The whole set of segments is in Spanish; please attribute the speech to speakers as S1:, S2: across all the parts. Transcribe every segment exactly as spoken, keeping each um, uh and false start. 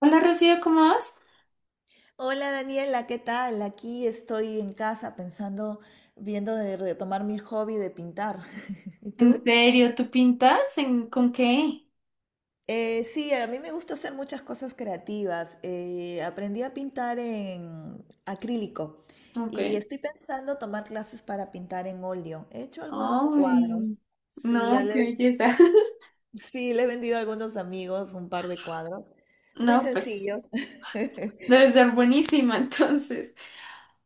S1: Hola Rocío, ¿cómo vas?
S2: Hola Daniela, ¿qué tal? Aquí estoy en casa pensando, viendo de retomar mi hobby de pintar. ¿Y
S1: ¿En
S2: tú?
S1: serio? ¿Tú pintas? ¿En, con qué?
S2: Eh, sí, a mí me gusta hacer muchas cosas creativas. Eh, aprendí a pintar en acrílico
S1: Ok.
S2: y estoy pensando tomar clases para pintar en óleo. He hecho algunos
S1: Ay,
S2: cuadros. Sí, ya
S1: no,
S2: le,
S1: qué belleza.
S2: sí, le he vendido a algunos amigos un par de cuadros, muy
S1: No, pues,
S2: sencillos.
S1: debe ser buenísima entonces.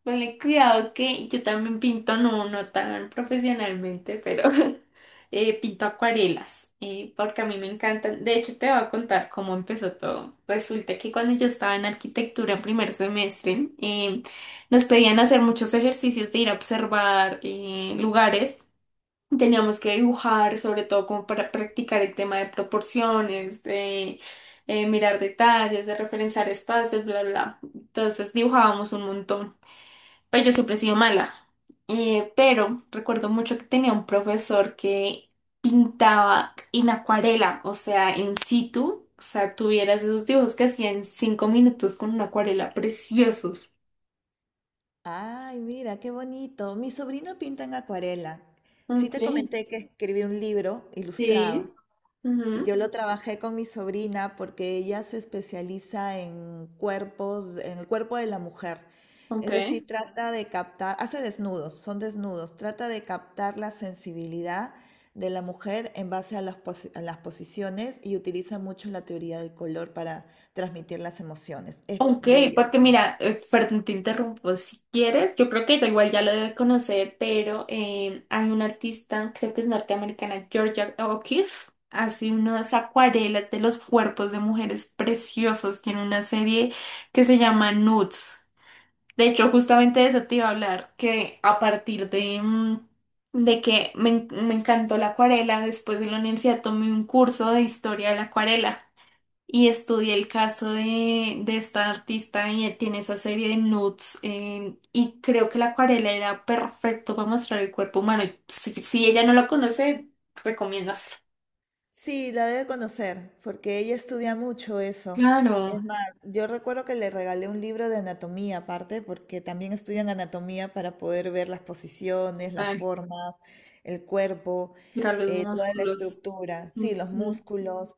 S1: Ponle cuidado que yo también pinto, no, no tan profesionalmente, pero eh, pinto acuarelas, eh, porque a mí me encantan. De hecho, te voy a contar cómo empezó todo. Resulta que cuando yo estaba en arquitectura en primer semestre, eh, nos pedían hacer muchos ejercicios de ir a observar eh, lugares. Teníamos que dibujar, sobre todo como para practicar el tema de proporciones, de eh, mirar detalles, de referenciar espacios, bla, bla. Entonces dibujábamos un montón. Pero yo siempre he sido mala. Eh, pero recuerdo mucho que tenía un profesor que pintaba en acuarela, o sea, en situ. O sea, tuvieras esos dibujos que hacía en cinco minutos con una acuarela, preciosos.
S2: Ay, mira, qué bonito. Mi sobrino pinta en acuarela. Sí
S1: Ok.
S2: te comenté que escribí un libro ilustrado
S1: Sí.
S2: y yo
S1: Ujú.
S2: lo trabajé con mi sobrina porque ella se especializa en cuerpos, en el cuerpo de la mujer.
S1: Ok.
S2: Es decir, trata de captar, hace desnudos, son desnudos, trata de captar la sensibilidad de la mujer en base a las, posi- a las posiciones y utiliza mucho la teoría del color para transmitir las emociones. Es
S1: Ok,
S2: bella.
S1: porque mira, eh, perdón, te interrumpo. Si quieres, yo creo que yo igual ya lo debe conocer, pero eh, hay una artista, creo que es norteamericana, Georgia O'Keeffe, hace unas acuarelas de los cuerpos de mujeres preciosos. Tiene una serie que se llama Nudes. De hecho, justamente de eso te iba a hablar, que a partir de, mm, de que me, en- me encantó la acuarela, después de la universidad tomé un curso de historia de la acuarela. Y estudié el caso de, de esta artista y él tiene esa serie de nudes eh, y creo que la acuarela era perfecto para mostrar el cuerpo humano. Y si, si ella no lo conoce, recomiendo hacerlo.
S2: Sí, la debe conocer, porque ella estudia mucho eso.
S1: Claro,
S2: Es más, yo recuerdo que le regalé un libro de anatomía aparte, porque también estudian anatomía para poder ver las posiciones, las
S1: ay,
S2: formas, el cuerpo,
S1: mira los
S2: eh, toda la
S1: músculos.
S2: estructura, sí, los
S1: Ujú.
S2: músculos.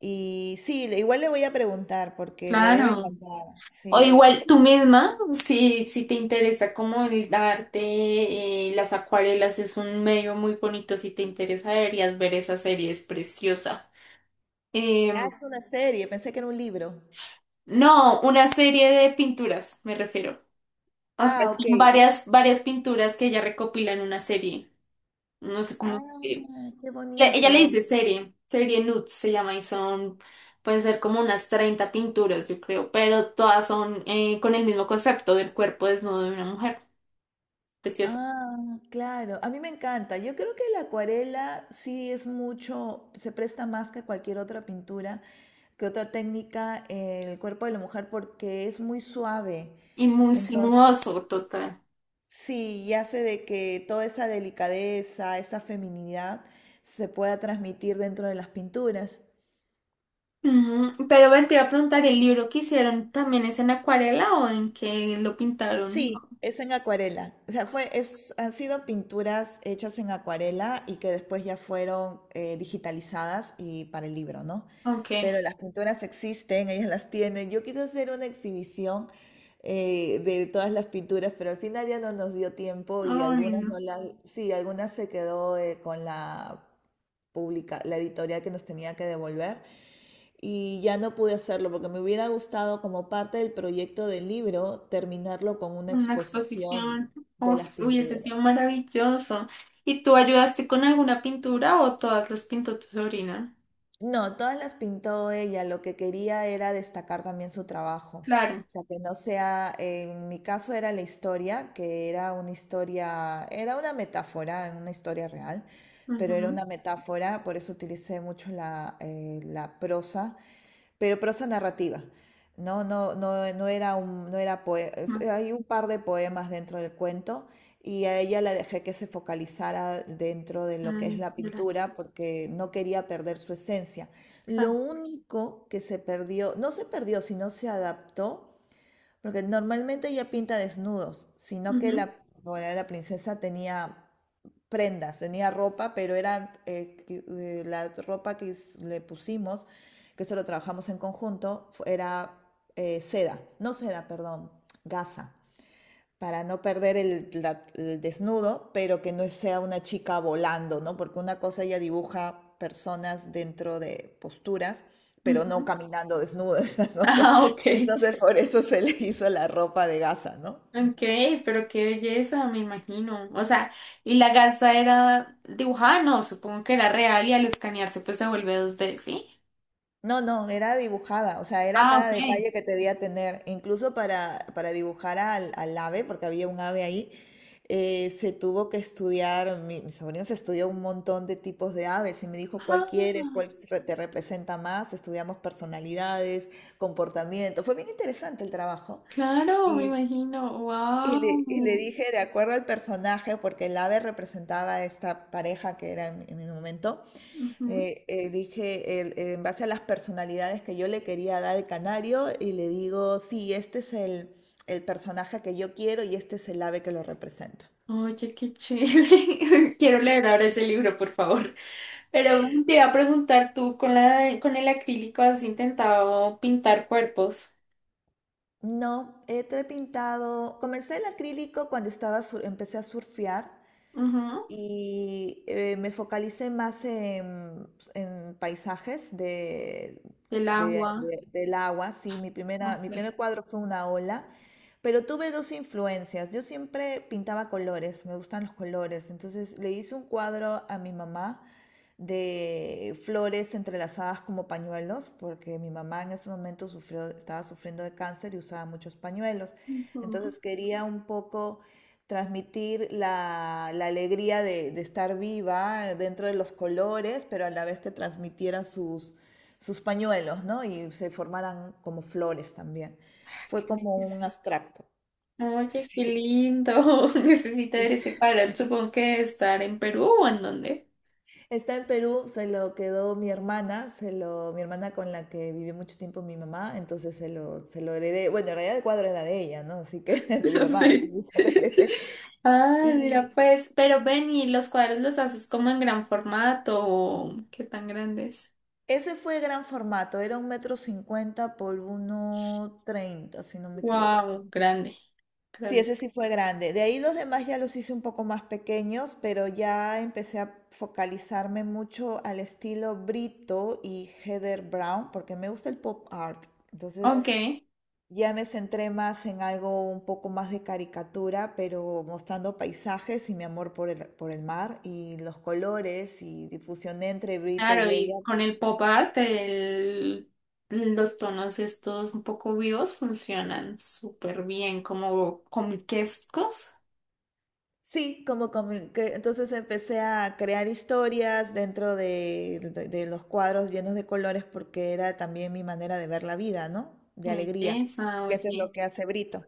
S2: Y sí, le- igual le voy a preguntar, porque le debe
S1: Claro.
S2: encantar.
S1: O
S2: Sí, es
S1: igual tú misma, si, si te interesa como el arte, eh, las acuarelas es un medio muy bonito, si te interesa deberías ver esa serie, es preciosa.
S2: ah,
S1: Em,
S2: es una serie, pensé que era un libro.
S1: No, una serie de pinturas, me refiero. O sea,
S2: Ah, ok.
S1: son varias, varias pinturas que ella recopila en una serie. No sé cómo. eh,
S2: Ah, qué
S1: le- Ella
S2: bonito.
S1: le dice serie, serie Nudes se llama y son, pueden ser como unas treinta pinturas, yo creo, pero todas son eh, con el mismo concepto del cuerpo desnudo de una mujer. Precioso.
S2: Ah, claro, a mí me encanta. Yo creo que la acuarela sí es mucho, se presta más que cualquier otra pintura, que otra técnica, eh, el cuerpo de la mujer porque es muy suave.
S1: Y muy
S2: Entonces,
S1: sinuoso, total.
S2: sí, y hace de que toda esa delicadeza, esa feminidad se pueda transmitir dentro de las pinturas.
S1: Ujú. Pero ven, te iba a preguntar, ¿el libro que hicieron también es en acuarela o en qué lo pintaron?
S2: Sí, es en acuarela. O sea, fue, es, han sido pinturas hechas en acuarela y que después ya fueron eh, digitalizadas y para el libro, ¿no?
S1: Ok.
S2: Pero las pinturas existen, ellas las tienen. Yo quise hacer una exhibición eh, de todas las pinturas, pero al final ya no nos dio tiempo y
S1: Ay,
S2: algunas
S1: no.
S2: no las, sí, algunas se quedó eh, con la pública, la editorial que nos tenía que devolver y ya no pude hacerlo porque me hubiera gustado como parte del proyecto del libro terminarlo con una
S1: Una exposición.
S2: exposición de las
S1: Uf, hubiese
S2: pinturas.
S1: sido maravilloso. ¿Y tú ayudaste con alguna pintura o todas las pintó tu sobrina?
S2: No, todas las pintó ella. Lo que quería era destacar también su trabajo.
S1: Claro.
S2: O sea, que no sea, en mi caso era la historia, que era una historia, era una metáfora, una historia real, pero era
S1: Ujú.
S2: una metáfora, por eso utilicé mucho la, eh, la prosa, pero prosa narrativa. No, no, no, no era un, no era poe- es-
S1: Ma-
S2: hay un par de poemas dentro del cuento y a ella la dejé que se focalizara dentro de lo que
S1: mm,
S2: es la
S1: de la-
S2: pintura porque no quería perder su esencia. Lo
S1: Claro.
S2: único que se perdió, no se perdió, sino se adaptó, porque normalmente ella pinta desnudos, sino que
S1: Ujú,
S2: la, bueno, la princesa tenía prendas, tenía ropa, pero era eh, que- eh, la ropa que us- le pusimos, que se lo trabajamos en conjunto, fu- era eh, seda, no seda, perdón, gasa para no perder el, la- el desnudo, pero que no sea una chica volando, ¿no? Porque una cosa ella dibuja personas dentro de posturas, pero
S1: ujú.
S2: no caminando desnudas, ¿no? O sea,
S1: Ah, ok.
S2: entonces por eso se le hizo la ropa de gasa, ¿no?
S1: Ok, pero qué belleza, me imagino. O sea, ¿y la gasa era dibujada? No, supongo que era real y al escanearse pues se vuelve dos d, ¿sí?
S2: No, no, era dibujada, o sea, era
S1: Ah,
S2: cada
S1: ok.
S2: detalle que te debía tener, incluso para, para dibujar al, al ave, porque había un ave ahí, eh, se tuvo que estudiar, mi, mi sobrino se estudió un montón de tipos de aves y me dijo cuál quieres,
S1: Ah,
S2: cuál re- te representa más, estudiamos personalidades, comportamiento, fue bien interesante el trabajo
S1: claro, me
S2: y,
S1: imagino.
S2: y le, y le
S1: Wow.
S2: dije de acuerdo al personaje, porque el ave representaba a esta pareja que era en en mi momento eh, eh, dije, el- eh, en base a las personalidades que yo le quería dar al canario, y le digo, sí, este es el, el personaje que yo quiero y este es el ave que lo representa.
S1: Oye, qué chévere. Quiero leer ahora ese libro, por favor. Pero bueno, te iba a preguntar, ¿tú con la, con el acrílico has intentado pintar cuerpos?
S2: No, he trepintado, comencé el acrílico cuando estaba sur- empecé a surfear.
S1: Ujú.
S2: Y eh, me focalicé más en, en paisajes de,
S1: El
S2: de-
S1: agua.
S2: de- del agua, sí, mi primera,
S1: No,
S2: mi
S1: pues.
S2: primer cuadro fue una ola, pero tuve dos influencias. Yo siempre pintaba colores, me gustan los colores, entonces le hice un cuadro a mi mamá de flores entrelazadas como pañuelos, porque mi mamá en ese momento sufrió, estaba sufriendo de cáncer y usaba muchos pañuelos.
S1: Ujú.
S2: Entonces quería un poco transmitir la, la alegría de, de, estar viva dentro de los colores, pero a la vez te transmitiera sus, sus pañuelos, ¿no? Y se formaran como flores también. Fue
S1: ¿Qué
S2: como
S1: es?
S2: un abstracto.
S1: Oye, qué lindo. Necesito ver ese
S2: Sí.
S1: cuadro. Supongo que debe estar en Perú o en dónde.
S2: Está en Perú, se lo quedó mi hermana, se lo, mi hermana con la que vivió mucho tiempo mi mamá, entonces se lo, se lo heredé. Bueno, en realidad el cuadro era de ella, ¿no? Así que de mi mamá,
S1: Sí.
S2: entonces se lo heredé.
S1: Ay, mira,
S2: Y
S1: pues, pero ven y los cuadros los haces como en gran formato, o ¿qué tan grandes?
S2: Ese fue gran formato, era un metro cincuenta por uno treinta, si no me equivoco.
S1: Wow, grande.
S2: Sí,
S1: Prende-
S2: ese sí fue grande. De ahí los demás ya los hice un poco más pequeños, pero ya empecé a focalizarme mucho al estilo Brito y Heather Brown, porque me gusta el pop art. Entonces
S1: Ok,
S2: ya me centré más en algo un poco más de caricatura, pero mostrando paisajes y mi amor por el, por el mar y los colores y difusión entre Brito y
S1: claro,
S2: ella.
S1: y con el pop art, el- los tonos estos un poco vivos funcionan súper bien, como comiquescos.
S2: Sí, como comi- que entonces empecé a crear historias dentro de, de- de los cuadros llenos de colores porque era también mi manera de ver la vida, ¿no? De
S1: Qué
S2: alegría,
S1: belleza,
S2: que eso es
S1: oye.
S2: lo que hace Brito.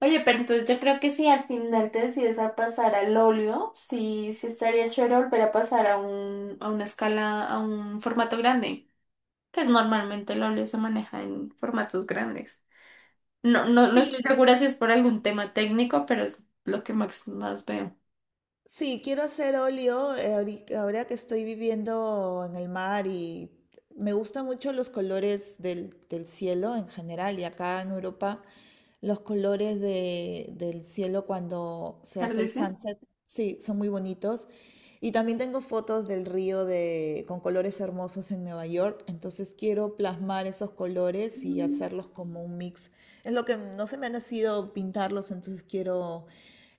S1: Oye, pero entonces yo creo que si al final te decides a pasar al óleo, sí, sí estaría chévere volver a pasar a un, a una escala, a un formato grande, que normalmente el óleo se maneja en formatos grandes. No, no, no estoy
S2: Sí,
S1: segura si es por algún tema técnico, pero es lo que más, más veo.
S2: Sí, quiero hacer óleo eh, ahori- ahora que estoy viviendo en el mar y me gustan mucho los colores del, del cielo en general y acá en Europa los colores de- del cielo cuando se hace el
S1: Atardece.
S2: sunset, sí, son muy bonitos. Y también tengo fotos del río de, con colores hermosos en Nueva York, entonces quiero plasmar esos colores y
S1: Mm,
S2: hacerlos como un mix. Es lo que no se me ha nacido pintarlos, entonces quiero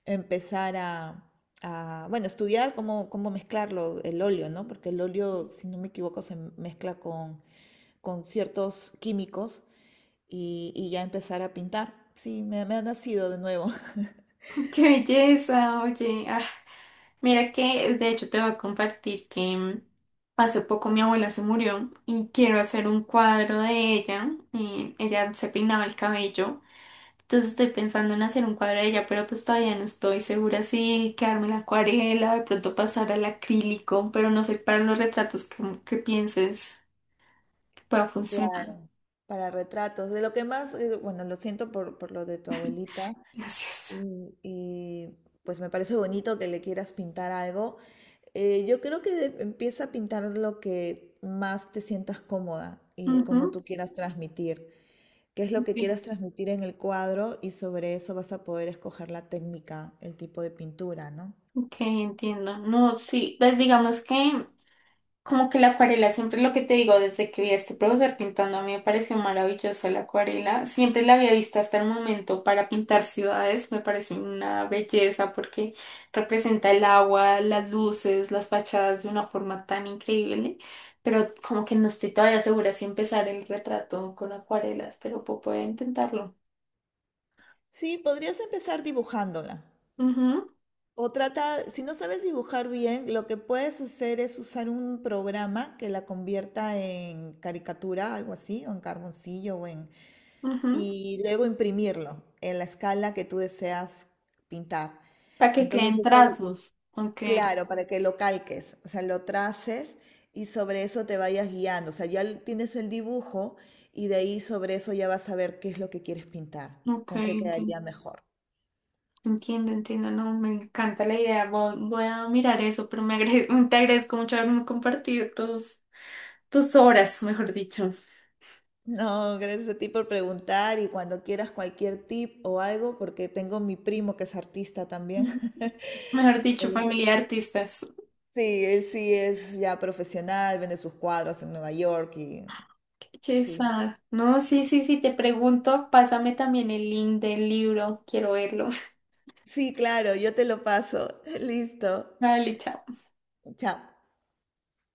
S2: empezar a, a, bueno, estudiar cómo, cómo mezclarlo, el óleo, ¿no? Porque el óleo, si no me equivoco, se mezcla con, con ciertos químicos y, y ya empezar a pintar. Sí, me, me ha nacido de nuevo.
S1: Qué belleza, oye. Ah, mira que, de hecho, te voy a compartir que mm, hace poco mi abuela se murió y quiero hacer un cuadro de ella. Y ella se peinaba el cabello. Entonces estoy pensando en hacer un cuadro de ella, pero pues todavía no estoy segura si quedarme la acuarela, de pronto pasar al acrílico, pero no sé para los retratos como que pienses que pueda funcionar.
S2: Claro. Para retratos. De lo que más, eh, bueno, lo siento por, por lo de tu abuelita.
S1: Gracias.
S2: Y, y, pues me parece bonito que le quieras pintar algo. Eh, yo creo que de- empieza a pintar lo que más te sientas cómoda y cómo tú
S1: Ujú.
S2: quieras transmitir, qué es lo que quieras transmitir en el cuadro y sobre eso vas a poder escoger la técnica, el tipo de pintura, ¿no?
S1: Ok, entiendo. No, sí, pues digamos que como que la acuarela, siempre lo que te digo, desde que vi a este profesor pintando, a mí me pareció maravillosa la acuarela. Siempre la había visto hasta el momento para pintar ciudades, me parece una belleza porque representa el agua, las luces, las fachadas de una forma tan increíble. Pero como que no estoy todavía segura si empezar el retrato con acuarelas, pero puedo poder intentarlo.
S2: Sí, podrías empezar dibujándola.
S1: Ujú,
S2: O trata, si no sabes dibujar bien, lo que puedes hacer es usar un programa que la convierta en caricatura, algo así, o en carboncillo, o en,
S1: ujú.
S2: y luego imprimirlo en la escala que tú deseas pintar.
S1: Para que
S2: Entonces
S1: queden
S2: eso,
S1: trazos. Ok,
S2: claro, para que lo calques, o sea, lo traces y sobre eso te vayas guiando. O sea, ya l- tienes el dibujo y de ahí sobre eso ya vas a ver qué es lo que quieres pintar,
S1: ok,
S2: con qué quedaría mejor.
S1: entiendo, entiendo, no, me encanta la idea, voy, voy a mirar eso, pero me agre- te agradezco mucho haberme compartido tus, tus obras, mejor dicho.
S2: No, gracias a ti por preguntar y cuando quieras cualquier tip o algo, porque tengo mi primo que es artista también.
S1: Ujú. Mejor dicho,
S2: Él-
S1: familia de artistas.
S2: sí, él sí es ya profesional, vende sus cuadros en Nueva York y sí,
S1: Chesa. No, sí, sí, sí, te pregunto, pásame también el link del libro, quiero verlo.
S2: sí, claro, yo te lo paso. Listo.
S1: Vale, chao.
S2: Chao.